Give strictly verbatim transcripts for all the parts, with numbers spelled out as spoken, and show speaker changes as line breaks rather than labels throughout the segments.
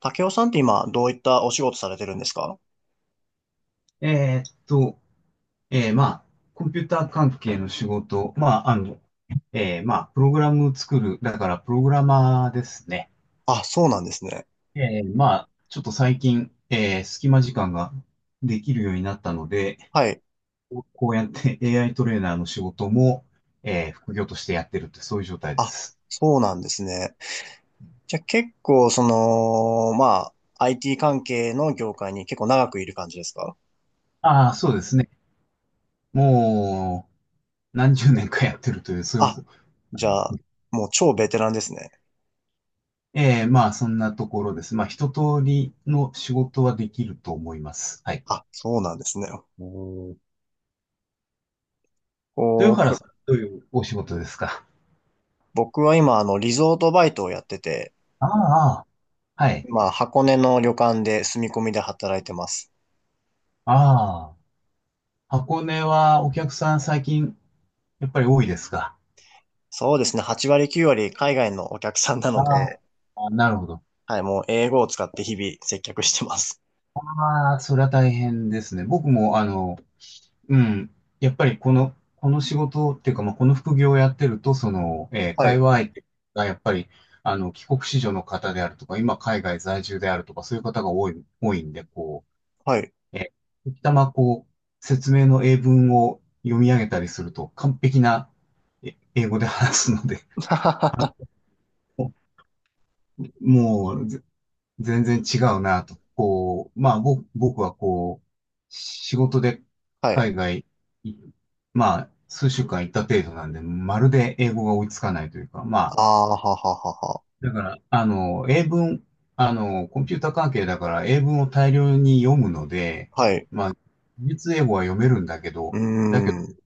竹雄さんって今、どういったお仕事されてるんですか？
えーっと、えーまあ、コンピューター関係の仕事、まあ、あの、えーまあ、プログラム作る、だからプログラマーですね。
あ、そうなんですね。
えーまあ、ちょっと最近、えー隙間時間ができるようになったので、
はい。
こうやって エーアイ トレーナーの仕事も、えー副業としてやってるって、そういう状態で
あ、
す。
そうなんですね。じゃあ結構、その、まあ、アイティー 関係の業界に結構長くいる感じですか？
ああ、そうですね。もう、何十年かやってるという、そういう
あ、
ことな
じゃ
んです
あ、
ね。
もう超ベテランですね。
ええ、まあ、そんなところです。まあ、一通りの仕事はできると思います。はい。
あ、そうなんですね。おー、
豊
こ
原
う、
さん、どういうお仕事ですか？
僕は今、あの、リゾートバイトをやってて、
ああ、はい。
まあ、箱根の旅館で住み込みで働いてます。
ああ、箱根はお客さん最近、やっぱり多いですか？
そうですね、はち割きゅう割海外のお客さんな
あ
ので、
あ、なるほど。
はい、もう英語を使って日々接客してます。
ああ、それは大変ですね。僕も、あの、うん。やっぱりこの、この仕事っていうか、まあ、この副業をやってると、その、えー
は
会
い、
話相手がやっぱり、あの、帰国子女の方であるとか、今海外在住であるとか、そういう方が多い、多いんで、こ
はい。
う、えー、時たまこう、説明の英文を読み上げたりすると、完璧なえ英語で話すので、
は
もう、全然違うなと。こう、まあ、僕、僕はこう、仕事で
い。
海外い、まあ、数週間行った程度なんで、まるで英語が追いつかないというか、ま
あ
あ、
あ、はははは。
だから、あの、英文、あの、コンピューター関係だから英文を大量に読むので、
はい。
まあ、実英語は読めるんだけ
う
ど、
ー
だけど、
ん。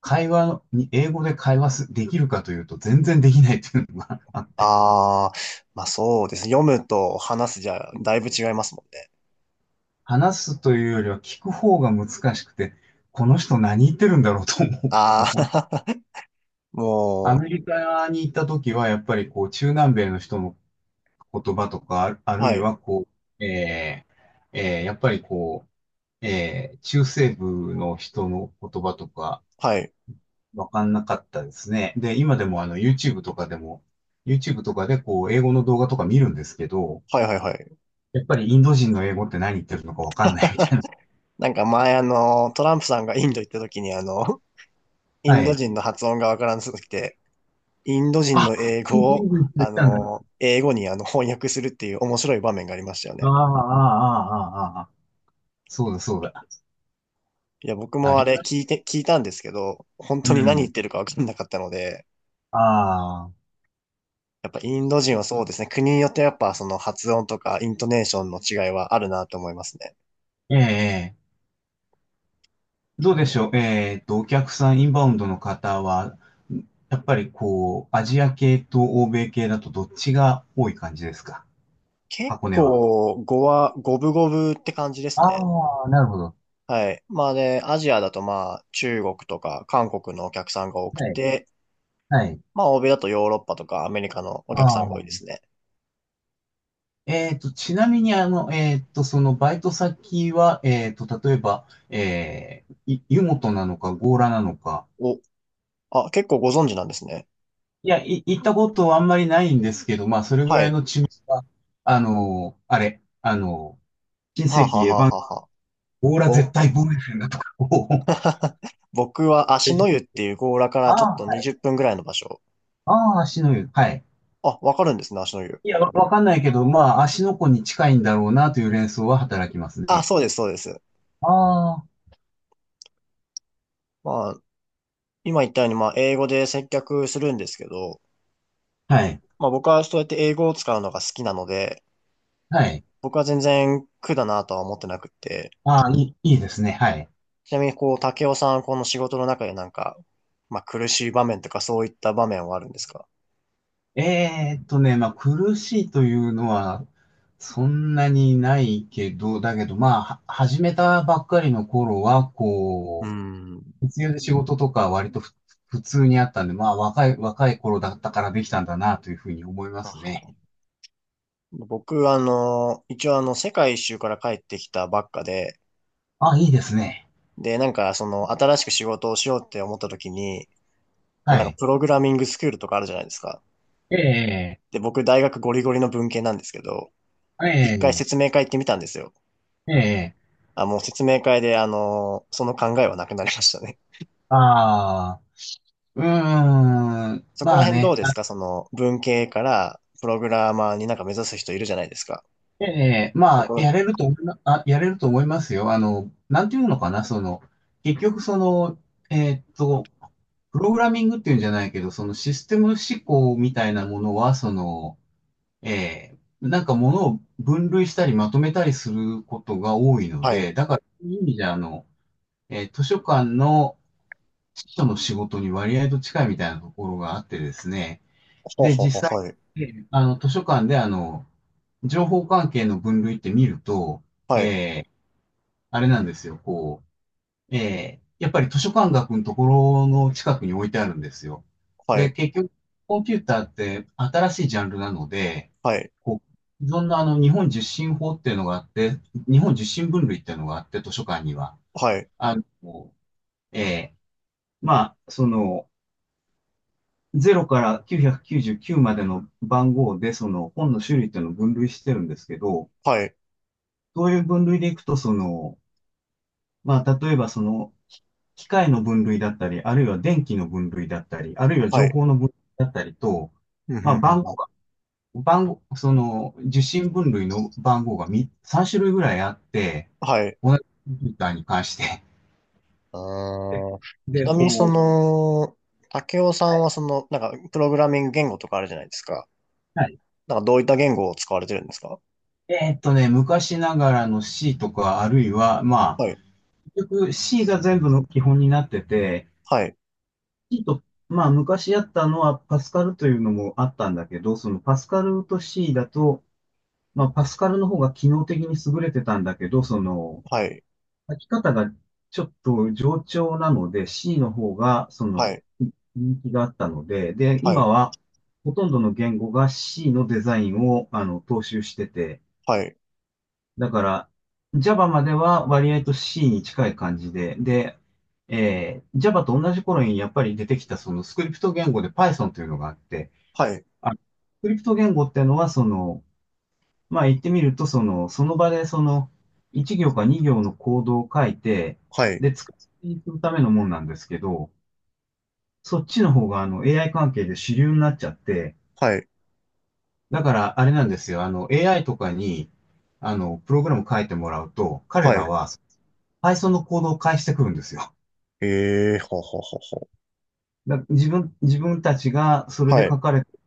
会話に、英語で会話す、できるかというと全然できないっていうのが あって。
ああ、まあそうですね。読むと話すじゃ、だいぶ違いますもんね。
話すというよりは聞く方が難しくて、この人何言ってるんだろうと思うことが
あ
ほん、
あ、
ア
も
メリカに行った時は、やっぱりこう、中南米の人の言葉とか、あるあ
う、
る
は
い
い、
はこう、えーえーやっぱりこう、えー中西部の人の言葉とか、
はい、
わかんなかったですね。で、今でもあの、YouTube とかでも、YouTube とかでこう、英語の動画とか見るんですけど、
はい、はい、はい。
やっぱりインド人の英語って何言ってるのかわかんないみたいな。
なんか前あの、トランプさんがインド行った時にあの、イ
は
ンド
い。
人の発音がわからなすぎて、インド人
あ、
の英
イ
語
ンド人
を、
の人い
あ
たんだ。
の、英語にあの翻訳するっていう面白い場面がありましたよ
ああ、
ね。
ああ、ああ、ああ。そうだ、そうだ。
いや、僕
あ
もあ
り
れ
まし
聞い
た。
て、聞いたんですけど、本
う
当に何
ん。
言ってるかわかんなかったので、
ああ、
やっぱインド人はそうですね。国によってやっぱその発音とかイントネーションの違いはあるなと思いますね。
ええ、ええどう
う
でし
ん、
ょう。えっと、お客さん、インバウンドの方は、やっぱりこう、アジア系と欧米系だとどっちが多い感じですか？
結
箱根は。
構語は五分五分って感じですね。
ああ、なるほど。
はい。まあで、アジアだとまあ中国とか韓国のお客さんが多く
はい、
て、
はい。
まあ欧米だとヨーロッパとかアメリカのお客さ
あ
ん
あ、
が多いですね。
えっと、ちなみに、あの、えっと、そのバイト先は、えっと、例えば、えー、い湯本なのか、強羅なのか、
お、あ、結構ご存知なんですね。
いや、い、行ったことはあんまりないんですけど、まあ、それぐ
は
らい
い。
の知名、あの、あれ、あの、新
はあ、
世
はあ
紀エヴ
はあ
ァ
は
ン、
あはあ、
オーラ絶
ぼ、
対ボーエンだとかを、こ
僕は
う
足の湯っていう強羅か
あ
らちょっ
あ、
と
はい、
にじゅっぷんぐらいの場所。
ああ、足の湯、はい。
あ、わかるんですね、足の湯。
いや、わわかんないけど、まあ、足の子に近いんだろうなという連想は働きます
あ、
ね。
そうです、そうです。
ああ、
まあ、今言ったように、まあ、英語で接客するんですけど、
はい、
まあ、僕はそうやって英語を使うのが好きなので、
はい。
僕は全然苦だなとは思ってなくって、
ああ、いい、いいですね、はい。
ちなみに、こう、竹雄さん、この仕事の中でなんか、まあ、苦しい場面とかそういった場面はあるんですか？
えーっとね、まあ、苦しいというのは、そんなにないけど、だけど、まあ、は始めたばっかりの頃は、
うー
こ
ん。
う、必要で仕事とかは割とふ普通にあったんで、まあ若い、若い頃だったからできたんだなというふうに思いま
は
す
は
ね。
は。僕、あの、一応あの、世界一周から帰ってきたばっかで、
あ、いいですね。
で、なんか、その、新しく仕事をしようって思った時に、こ
は
うなんか、
い。
プログラミングスクールとかあるじゃないですか。
ええ、
で、僕、大学ゴリゴリの文系なんですけど、
え
一回
え、
説明会行ってみたんですよ。
ええ、
あ、もう説明会で、あの、その考えはなくなりましたね。
ああ、うーん、
そこ
ま
ら
あ
辺ど
ね、
うで
あ。
すか？その、文系からプログラマーになんか目指す人いるじゃないですか。
ええ、ま
そ
あ、
こ、
やれると思いま、あ、やれると思いますよ。あの、なんていうのかな、その、結局その、えーっと、プログラミングっていうんじゃないけど、そのシステム思考みたいなものは、その、ええ、なんか物を分類したりまとめたりすることが多いの
はい。
で、だからそういう意味じゃ、あの、えー図書館の司書の仕事に割合と近いみたいなところがあってですね、
ほう
で、
ほうほ
実際、
う、はい。
えーあの、図書館であの、情報関係の分類って見ると、
は
えーあれなんですよ、こう、ええ、やっぱり図書館学のところの近くに置いてあるんですよ。で、
い。
結局、コンピューターって新しいジャンルなので、
はい。
こう、既あの、日本受信法っていうのがあって、日本受信分類っていうのがあって、図書館には。
はい。
あの、ええ、まあ、その、ゼロからきゅうひゃくきゅうじゅうきゅうまでの番号で、その、本の種類っていうのを分類してるんですけど、
はい。はい。
そういう分類でいくと、その、まあ、例えばその、機械の分類だったり、あるいは電気の分類だったり、あるいは
は
情
い。
報の分類だったりと、
ふんふ
まあ、
んふん
番
ふ
号
ん
が、番号、その、受信分類の番号がみさん種類ぐらいあって、
はい。
同じコンピューターに関して。
あ
で、
ー、ち
で
なみにそ
こう、
の、竹雄さ
は
ん
い
はその、なんか、プログラミング言語とかあるじゃないですか。
はい。
なんか、どういった言語を使われてるんですか？
えーっとね、昔ながらの C とか、あるいは、まあ、
はい。
結局 C が全部の基本になってて、
はい。
C と、まあ、昔やったのはパスカルというのもあったんだけど、そのパスカルと C だと、まあ、パスカルの方が機能的に優れてたんだけど、その、
はい。
書き方がちょっと冗長なので、C の方が、その、
はい。
人気があったので、で、
は
今
い。
は、ほとんどの言語が C のデザインを、あの、踏襲してて、
はい。
だから、Java までは割合と C に近い感じで、で、えー Java と同じ頃にやっぱり出てきたそのスクリプト言語で Python というのがあって、
はい。
あスクリプト言語っていうのはそのまあ言ってみると、その、その場でその、いち行かに行のコードを書いて、
はい。
で、使っていくためのもんなんですけど、そっちの方があの エーアイ 関係で主流になっちゃって、
はい、
だからあれなんですよ、あの エーアイ とかに、あの、プログラム書いてもらうと、彼
は
ら
い。
は Python のコードを返してくるんですよ。
ええー、ほうほうほうほう。
だ自分、自分たちがそれで
はい、
書かれて、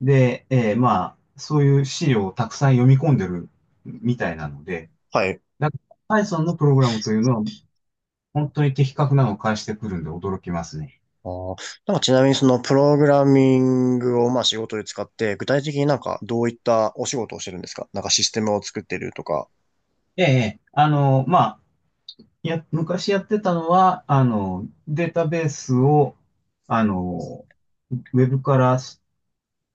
で、えーまあ、そういう資料をたくさん読み込んでるみたいなので、
はい。
だから Python のプログラムというのは本当に的確なのを返してくるんで驚きますね。
あー、なんかちなみにそのプログラミングをまあ仕事で使って、具体的になんかどういったお仕事をしてるんですか？なんかシステムを作ってるとか。
ええ、あの、まあ、や、昔やってたのは、あの、データベースを、あの、ウェブから、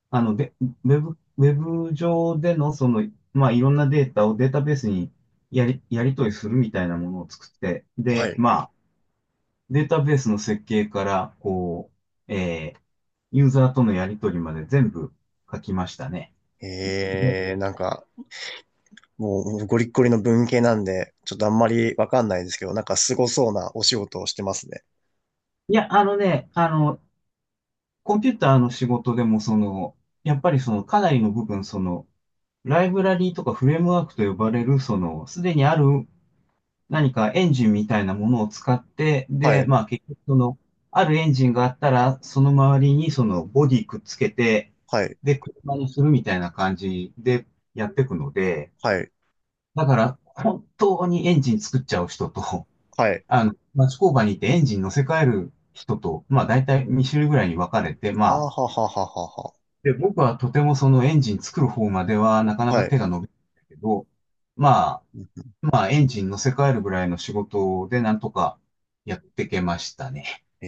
あの、で、ウェブ、ウェブ上での、その、まあ、いろんなデータをデータベースにやり、やり取りするみたいなものを作って、
は
で、
い。
まあ、データベースの設計から、こう、えーユーザーとのやり取りまで全部書きましたね。で、
ええー、なんかもうゴリッゴリの文系なんで、ちょっとあんまりわかんないですけど、なんかすごそうなお仕事をしてますね。
いや、あのね、あの、コンピューターの仕事でも、その、やっぱりその、かなりの部分、その、ライブラリーとかフレームワークと呼ばれる、その、すでにある何かエンジンみたいなものを使って、
は
で、
い、
まあ結局その、あるエンジンがあったら、その周りにそのボディくっつけて、
はい、
で、車にするみたいな感じでやっていくので、
はい、
だから本当にエンジン作っちゃう人と、
はい。
あの、町工場に行ってエンジン乗せ替える人と、まあ大体に種類ぐらいに分かれて、ま
あー
あ、
ははははは。
で、僕はとてもそのエンジン作る方まではなかな
は
か
い。
手が伸びないけど、まあ、まあエンジン乗せ替えるぐらいの仕事でなんとかやってけましたね。
え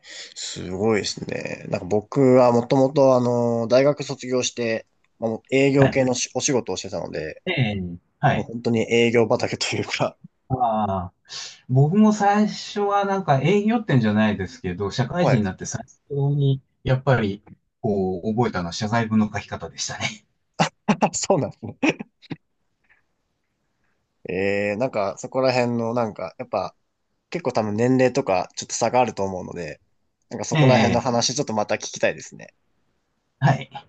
え、すごいですね。なんか僕はもともとあの、大学卒業して、まあ、もう営業
は
系
い。
のしお仕事をしてたので、
ええ。は
もう
い。
本当に営業畑というか、
ああ、僕も最初はなんか営業ってんじゃないですけど、社 会
は
人に
い。
なって最初にやっぱりこう覚えたのは謝罪文の書き方でしたね。
そうなんですね。ええ、なんかそこら辺のなんか、やっぱ結構多分年齢とかちょっと差があると思うので、なんかそこら辺
え
の
え。
話ちょっとまた聞きたいですね。
はい。